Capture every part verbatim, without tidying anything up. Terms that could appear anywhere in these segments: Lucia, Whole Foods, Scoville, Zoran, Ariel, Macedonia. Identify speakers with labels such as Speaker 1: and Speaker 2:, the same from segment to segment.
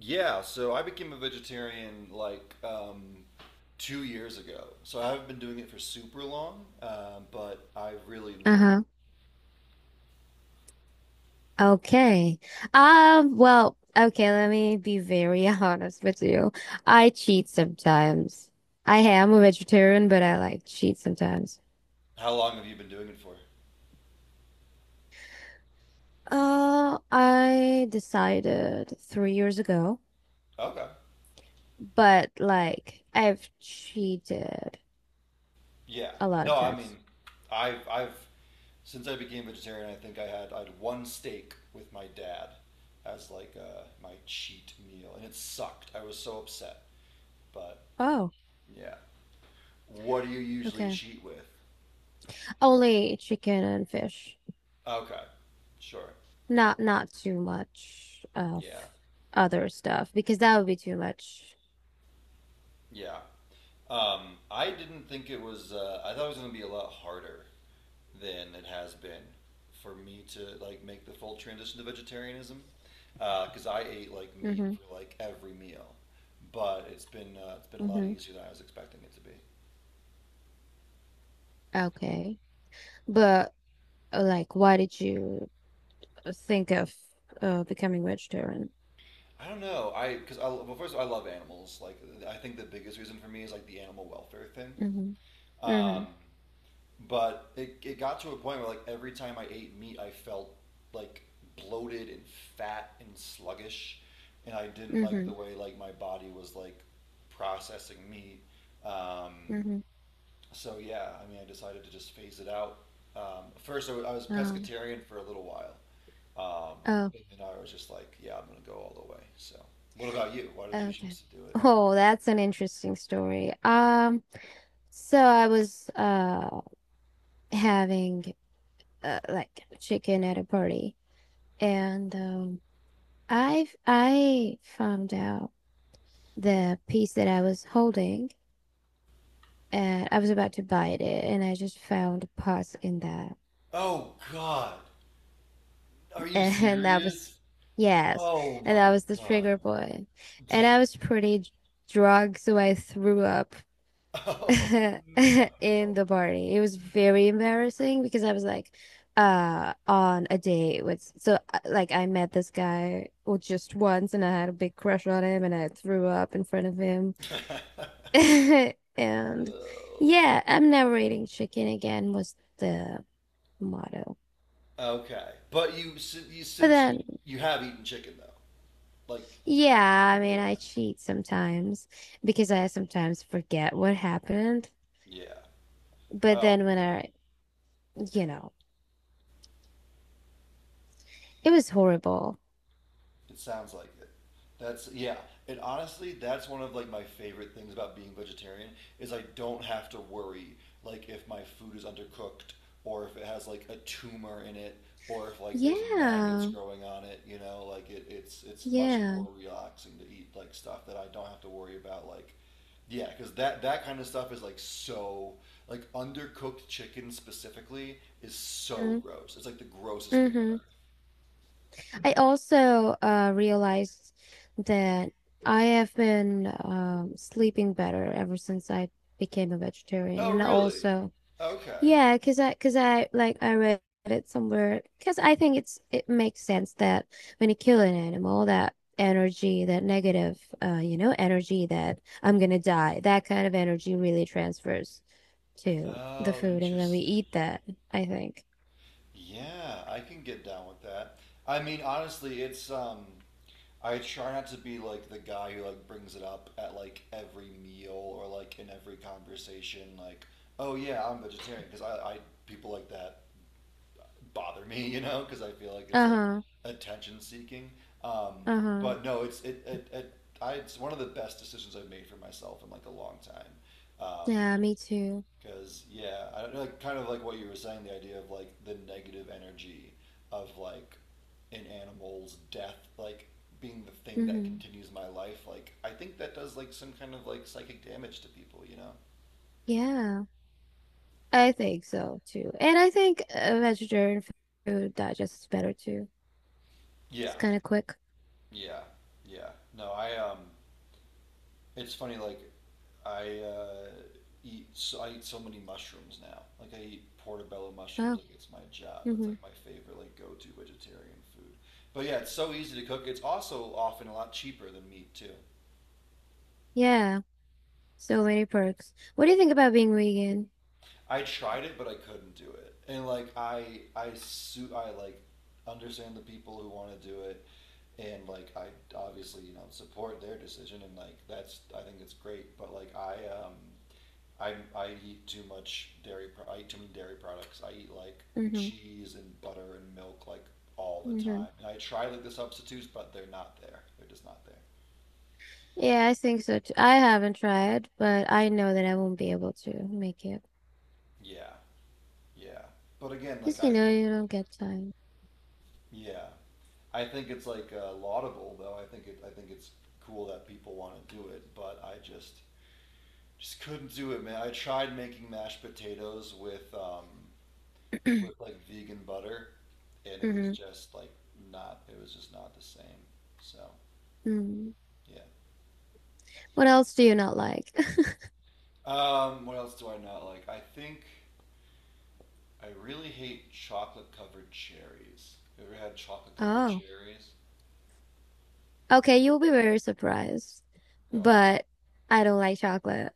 Speaker 1: Yeah, so I became a vegetarian like um, two years ago. So I haven't been doing it for super long, um, but I really enjoyed it.
Speaker 2: Uh-huh. Okay. Um, well, okay, let me be very honest with you. I cheat sometimes. I am a vegetarian, but I like cheat sometimes.
Speaker 1: How long have you been doing it for?
Speaker 2: Uh, I decided three years ago,
Speaker 1: Okay.
Speaker 2: but like I've cheated
Speaker 1: Yeah.
Speaker 2: a lot
Speaker 1: No,
Speaker 2: of
Speaker 1: I mean,
Speaker 2: times.
Speaker 1: I've I've since I became vegetarian, I think I had I had one steak with my dad as like uh, my cheat meal, and it sucked. I was so upset, but
Speaker 2: Oh,
Speaker 1: yeah. What do you usually
Speaker 2: okay.
Speaker 1: cheat with?
Speaker 2: Only chicken and fish.
Speaker 1: Okay. Sure.
Speaker 2: Not not too much of
Speaker 1: Yeah.
Speaker 2: other stuff because that would be too much.
Speaker 1: Yeah. Um, I didn't think it was. Uh, I thought it was going to be a lot harder than it has been for me to like make the full transition to vegetarianism because uh, I ate like meat
Speaker 2: Mm-hmm.
Speaker 1: for like every meal, but it's been uh, it's been a lot
Speaker 2: Mm-hmm.
Speaker 1: easier than I was expecting it to be.
Speaker 2: Okay. But uh, like why did you think of uh becoming vegetarian?
Speaker 1: I don't know. I because well, first of all, I love animals. Like I think the biggest reason for me is like the animal welfare thing.
Speaker 2: Mm-hmm. Mm-hmm.
Speaker 1: Um, But it, it got to a point where like every time I ate meat, I felt like bloated and fat and sluggish, and I didn't like
Speaker 2: Mm-hmm.
Speaker 1: the way like my body was like processing meat. Um,
Speaker 2: Mm-hmm.
Speaker 1: so yeah, I mean, I decided to just phase it out. Um, first, I wa- I was
Speaker 2: Oh.
Speaker 1: pescatarian for a little while, um,
Speaker 2: Oh,
Speaker 1: and I was just like, yeah, I'm gonna go all the way. So, what about you? Why did you
Speaker 2: okay.
Speaker 1: choose to do it?
Speaker 2: Oh, that's an interesting story. Um, so I was uh having uh, like chicken at a party and um I've I found out the piece that I was holding, and I was about to bite it, and I just found a pus in that,
Speaker 1: Oh God, are you
Speaker 2: and that was
Speaker 1: serious?
Speaker 2: yes,
Speaker 1: Oh
Speaker 2: and
Speaker 1: my
Speaker 2: that was the
Speaker 1: God.
Speaker 2: trigger point, and I was pretty d- drunk, so I threw up
Speaker 1: Oh no.
Speaker 2: in the party. It was very embarrassing because I was like uh on a date with so uh, like I met this guy, well, just once, and I had a big crush on him and I threw up in front of him. And
Speaker 1: No.
Speaker 2: yeah, I'm never eating chicken again was the motto.
Speaker 1: Okay, but you, si- you
Speaker 2: But
Speaker 1: since you
Speaker 2: then,
Speaker 1: you have eaten chicken though, like
Speaker 2: yeah, I mean,
Speaker 1: yeah.
Speaker 2: I cheat sometimes because I sometimes forget what happened.
Speaker 1: Yeah.
Speaker 2: But
Speaker 1: Oh
Speaker 2: then when
Speaker 1: man.
Speaker 2: I, you know, it was horrible.
Speaker 1: It sounds like it. That's yeah. And honestly, that's one of like my favorite things about being vegetarian is I don't have to worry like if my food is undercooked or if it has like a tumor in it or if like there's maggots
Speaker 2: Yeah,
Speaker 1: growing on it, you know, like it, it's it's much more
Speaker 2: yeah.
Speaker 1: relaxing to eat like stuff that I don't have to worry about like yeah, because that that kind of stuff is like so like undercooked chicken specifically is so
Speaker 2: Mm-hmm.
Speaker 1: gross. It's like the grossest thing on
Speaker 2: Mm-hmm.
Speaker 1: earth.
Speaker 2: I also uh, realized that I have been um, sleeping better ever since I became a vegetarian,
Speaker 1: Oh,
Speaker 2: and
Speaker 1: really?
Speaker 2: also.
Speaker 1: Okay.
Speaker 2: Yeah, because I, because I like I read it somewhere. Because I think it's it makes sense that when you kill an animal, that energy, that negative, uh, you know, energy that I'm gonna die, that kind of energy really transfers to the
Speaker 1: Oh,
Speaker 2: food, and then we
Speaker 1: interesting.
Speaker 2: eat that, I think.
Speaker 1: Yeah, I can get down with that. I mean, honestly, it's um I try not to be like the guy who like brings it up at like every meal or like in every conversation like, "Oh yeah, I'm vegetarian" because I I people like that bother me, you know, because I feel like it's like
Speaker 2: Uh-huh.
Speaker 1: attention seeking. Um
Speaker 2: Uh-huh.
Speaker 1: but no, it's it, it it I it's one of the best decisions I've made for myself in like a long time. Um,
Speaker 2: Yeah, me too.
Speaker 1: Because yeah, I don't know, like kind of like what you were saying, the idea of like the negative energy of like an animal's death, like being the thing that
Speaker 2: Hmm.
Speaker 1: continues my life. Like I think that does like some kind of like psychic damage to people, you know?
Speaker 2: Yeah, I think so too. And I think uh, vegetarian food digests better too.
Speaker 1: Yeah,
Speaker 2: It's kind of quick.
Speaker 1: yeah, yeah. No, I um, it's funny like I uh, eat so I eat so many mushrooms now. Like I eat portobello mushrooms
Speaker 2: Oh.
Speaker 1: like it's my job. It's
Speaker 2: Mm-hmm.
Speaker 1: like my favorite like go to vegetarian food. But yeah, it's so easy to cook. It's also often a lot cheaper than meat too.
Speaker 2: Yeah. So many perks. What do you think about being vegan?
Speaker 1: I tried it, but I couldn't do it. And like I I su- I like understand the people who want to do it and like I obviously you know support their decision and like that's I think it's great. But like I um I I eat too much dairy. Pro- I eat too many dairy products. I eat like
Speaker 2: Mm-hmm.
Speaker 1: cheese and butter and milk like all the
Speaker 2: Mm-hmm.
Speaker 1: time. And I try like the substitutes, but they're not there. They're just not there.
Speaker 2: Yeah, I think so too. I haven't tried, but I know that I won't be able to make it.
Speaker 1: Yeah, yeah. But again, like
Speaker 2: Because
Speaker 1: I
Speaker 2: you know,
Speaker 1: think,
Speaker 2: you don't get time.
Speaker 1: yeah, I think it's like uh, laudable though. I think it. I think it's cool that people want to do it, but I just just couldn't do it, man. I tried making mashed potatoes with um with like vegan butter, and it was
Speaker 2: Mm-hmm.
Speaker 1: just like not. It was just not the same. So
Speaker 2: Mm.
Speaker 1: yeah.
Speaker 2: What else do you not like?
Speaker 1: Um, what else do I not like? I think I really hate chocolate covered cherries. You ever had chocolate covered
Speaker 2: Oh.
Speaker 1: cherries?
Speaker 2: Okay, you'll be very surprised,
Speaker 1: Go on.
Speaker 2: but I don't like chocolate.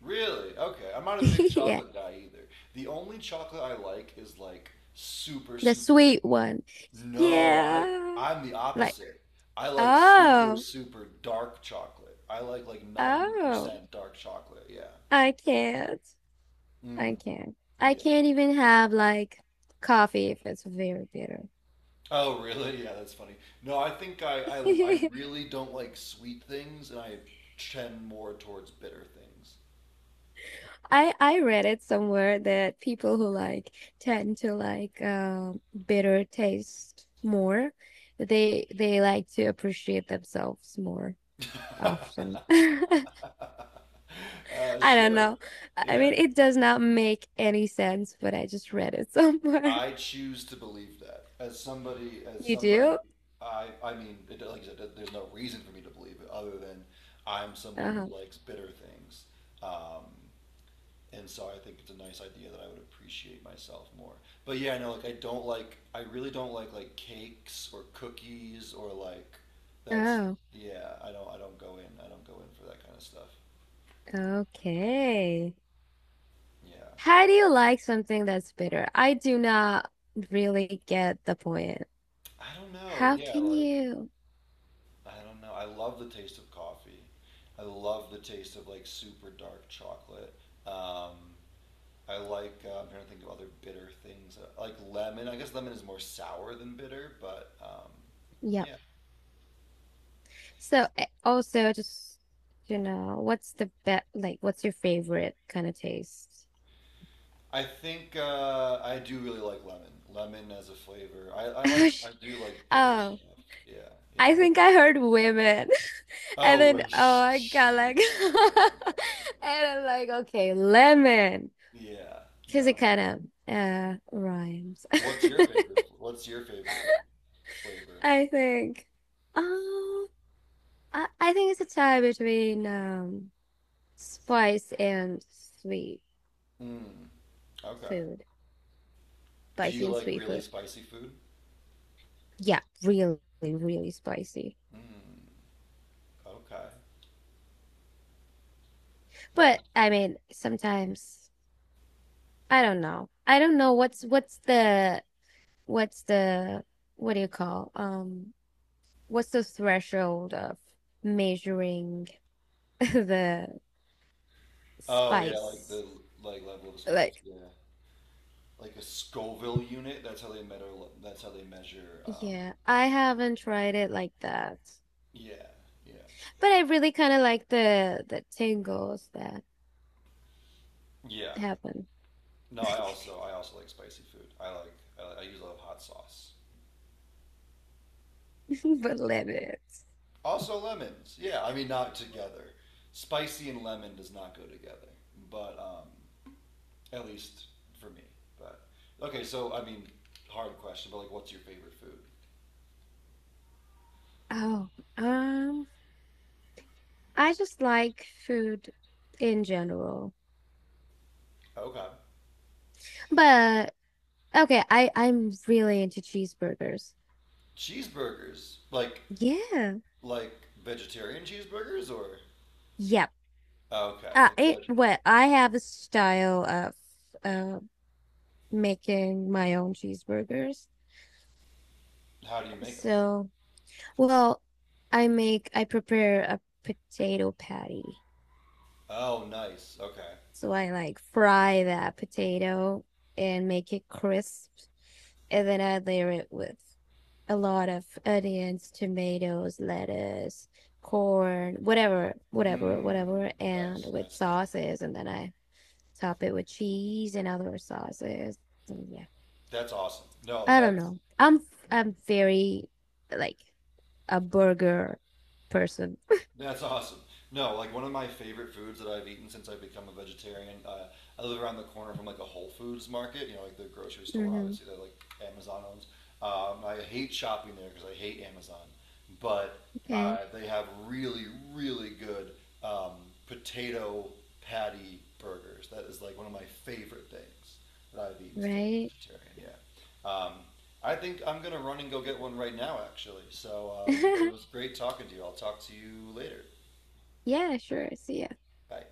Speaker 1: Really? Okay. I'm not a big
Speaker 2: Yeah,
Speaker 1: chocolate guy either. The only chocolate I like is like super,
Speaker 2: the
Speaker 1: super.
Speaker 2: sweet one.
Speaker 1: No, I
Speaker 2: Yeah,
Speaker 1: I'm the
Speaker 2: like
Speaker 1: opposite. I like super,
Speaker 2: oh,
Speaker 1: super dark chocolate. I like like
Speaker 2: oh,
Speaker 1: ninety percent dark chocolate. Yeah.
Speaker 2: I can't,
Speaker 1: Mm,
Speaker 2: I can't, I
Speaker 1: yeah.
Speaker 2: can't even have like coffee if it's very bitter.
Speaker 1: Oh, really? Yeah, that's funny. No, I think I, I, I really don't like sweet things, and I tend more towards bitter
Speaker 2: I I read it somewhere that people who like tend to like um bitter taste more, they they like to appreciate themselves more
Speaker 1: things.
Speaker 2: often.
Speaker 1: Uh,
Speaker 2: I don't
Speaker 1: sure.
Speaker 2: know. I
Speaker 1: Yeah.
Speaker 2: mean, it does not make any sense, but I just read it somewhere.
Speaker 1: I choose to believe that. As somebody, as
Speaker 2: You
Speaker 1: somebody,
Speaker 2: do?
Speaker 1: I, I mean, it, like I said, there- there's no reason for me to believe it other than I'm someone
Speaker 2: Oh,
Speaker 1: who likes bitter things. Um, And so I think it's a nice idea that I would appreciate myself more. But yeah, I know like I don't like I really don't like like cakes or cookies or like that's
Speaker 2: oh,
Speaker 1: yeah, I don't I don't go in. I don't go in for that kind of stuff.
Speaker 2: okay.
Speaker 1: Yeah.
Speaker 2: How do you like something that's bitter? I do not really get the point.
Speaker 1: I don't know.
Speaker 2: How
Speaker 1: Yeah,
Speaker 2: can
Speaker 1: like
Speaker 2: you?
Speaker 1: I don't know. I love the taste of coffee. I love the taste of like super dark chocolate. Um, I like uh, I'm trying to think of other bitter things. Uh, like lemon. I guess lemon is more sour than bitter, but um,
Speaker 2: Yep.
Speaker 1: yeah,
Speaker 2: So, eh, also, just, you know, what's the best, like, what's your favorite kind of taste?
Speaker 1: I think uh, I do really like lemon. Lemon as a flavor. I, I like I do like bitter
Speaker 2: Oh,
Speaker 1: stuff. Yeah, yeah.
Speaker 2: I
Speaker 1: What?
Speaker 2: think I heard women. And
Speaker 1: Oh,
Speaker 2: then,
Speaker 1: wait,
Speaker 2: oh, I got like,
Speaker 1: yeah, no, no, no, no, no. no.
Speaker 2: and I'm like, okay, lemon,
Speaker 1: Yeah,
Speaker 2: because it
Speaker 1: no.
Speaker 2: kind of uh rhymes.
Speaker 1: What's your favorite? What's your favorite flavor?
Speaker 2: I think. Oh, I, I think it's a tie between um spice and sweet
Speaker 1: Mm, okay.
Speaker 2: food,
Speaker 1: Do you
Speaker 2: spicy and
Speaker 1: like
Speaker 2: sweet
Speaker 1: really
Speaker 2: food.
Speaker 1: spicy food?
Speaker 2: Yeah, really, really spicy.
Speaker 1: Mm, okay.
Speaker 2: But
Speaker 1: Nice.
Speaker 2: I mean, sometimes I don't know. I don't know what's what's the what's the what do you call um what's the threshold of measuring the
Speaker 1: Oh yeah, like
Speaker 2: spice?
Speaker 1: the like level of spice.
Speaker 2: Like,
Speaker 1: Yeah, like a Scoville unit. That's how they measure. That's how they measure. Um,
Speaker 2: yeah, I haven't tried it like that.
Speaker 1: yeah, yeah,
Speaker 2: But I really kind of like the the tingles that
Speaker 1: yeah.
Speaker 2: happen
Speaker 1: No, I also I also like spicy food. I like I, I usually love hot sauce.
Speaker 2: but limits.
Speaker 1: Also lemons. Yeah, I mean not together. Spicy and lemon does not go together, but um, at least for me. But okay, so I mean, hard question, but like, what's your favorite food?
Speaker 2: Oh, um I just like food in general.
Speaker 1: Okay,
Speaker 2: But okay, I I'm really into cheeseburgers.
Speaker 1: cheeseburgers, like
Speaker 2: Yeah.
Speaker 1: like vegetarian cheeseburgers or
Speaker 2: Yep.
Speaker 1: okay,
Speaker 2: Uh,
Speaker 1: like
Speaker 2: it,
Speaker 1: veg.
Speaker 2: well, I have a style of uh making my own cheeseburgers.
Speaker 1: How do you make them?
Speaker 2: So, well, I make I prepare a potato patty.
Speaker 1: Oh, nice. Okay.
Speaker 2: So I like fry that potato and make it crisp and then I layer it with a lot of onions, tomatoes, lettuce, corn, whatever, whatever,
Speaker 1: Mmm.
Speaker 2: whatever, and
Speaker 1: Nice,
Speaker 2: with
Speaker 1: nice, nice.
Speaker 2: sauces. And then I top it with cheese and other sauces. And yeah,
Speaker 1: That's awesome. No,
Speaker 2: I don't
Speaker 1: that's
Speaker 2: know. I'm I'm very like a burger person.
Speaker 1: That's awesome. No, like one of my favorite foods that I've eaten since I've become a vegetarian. Uh, I live around the corner from like a Whole Foods market, you know, like the grocery store,
Speaker 2: Hmm.
Speaker 1: obviously, that like Amazon owns. Um, I hate shopping there because I hate Amazon, but
Speaker 2: Okay,
Speaker 1: uh, they have really, really good um, potato patty burgers. That is like one of my favorite things that I've eaten since I've been
Speaker 2: right?
Speaker 1: vegetarian. Yeah. Um, I think I'm gonna run and go get one right now, actually. So, um, but it was great talking to you. I'll talk to you later.
Speaker 2: Yeah, sure. See ya.
Speaker 1: Bye.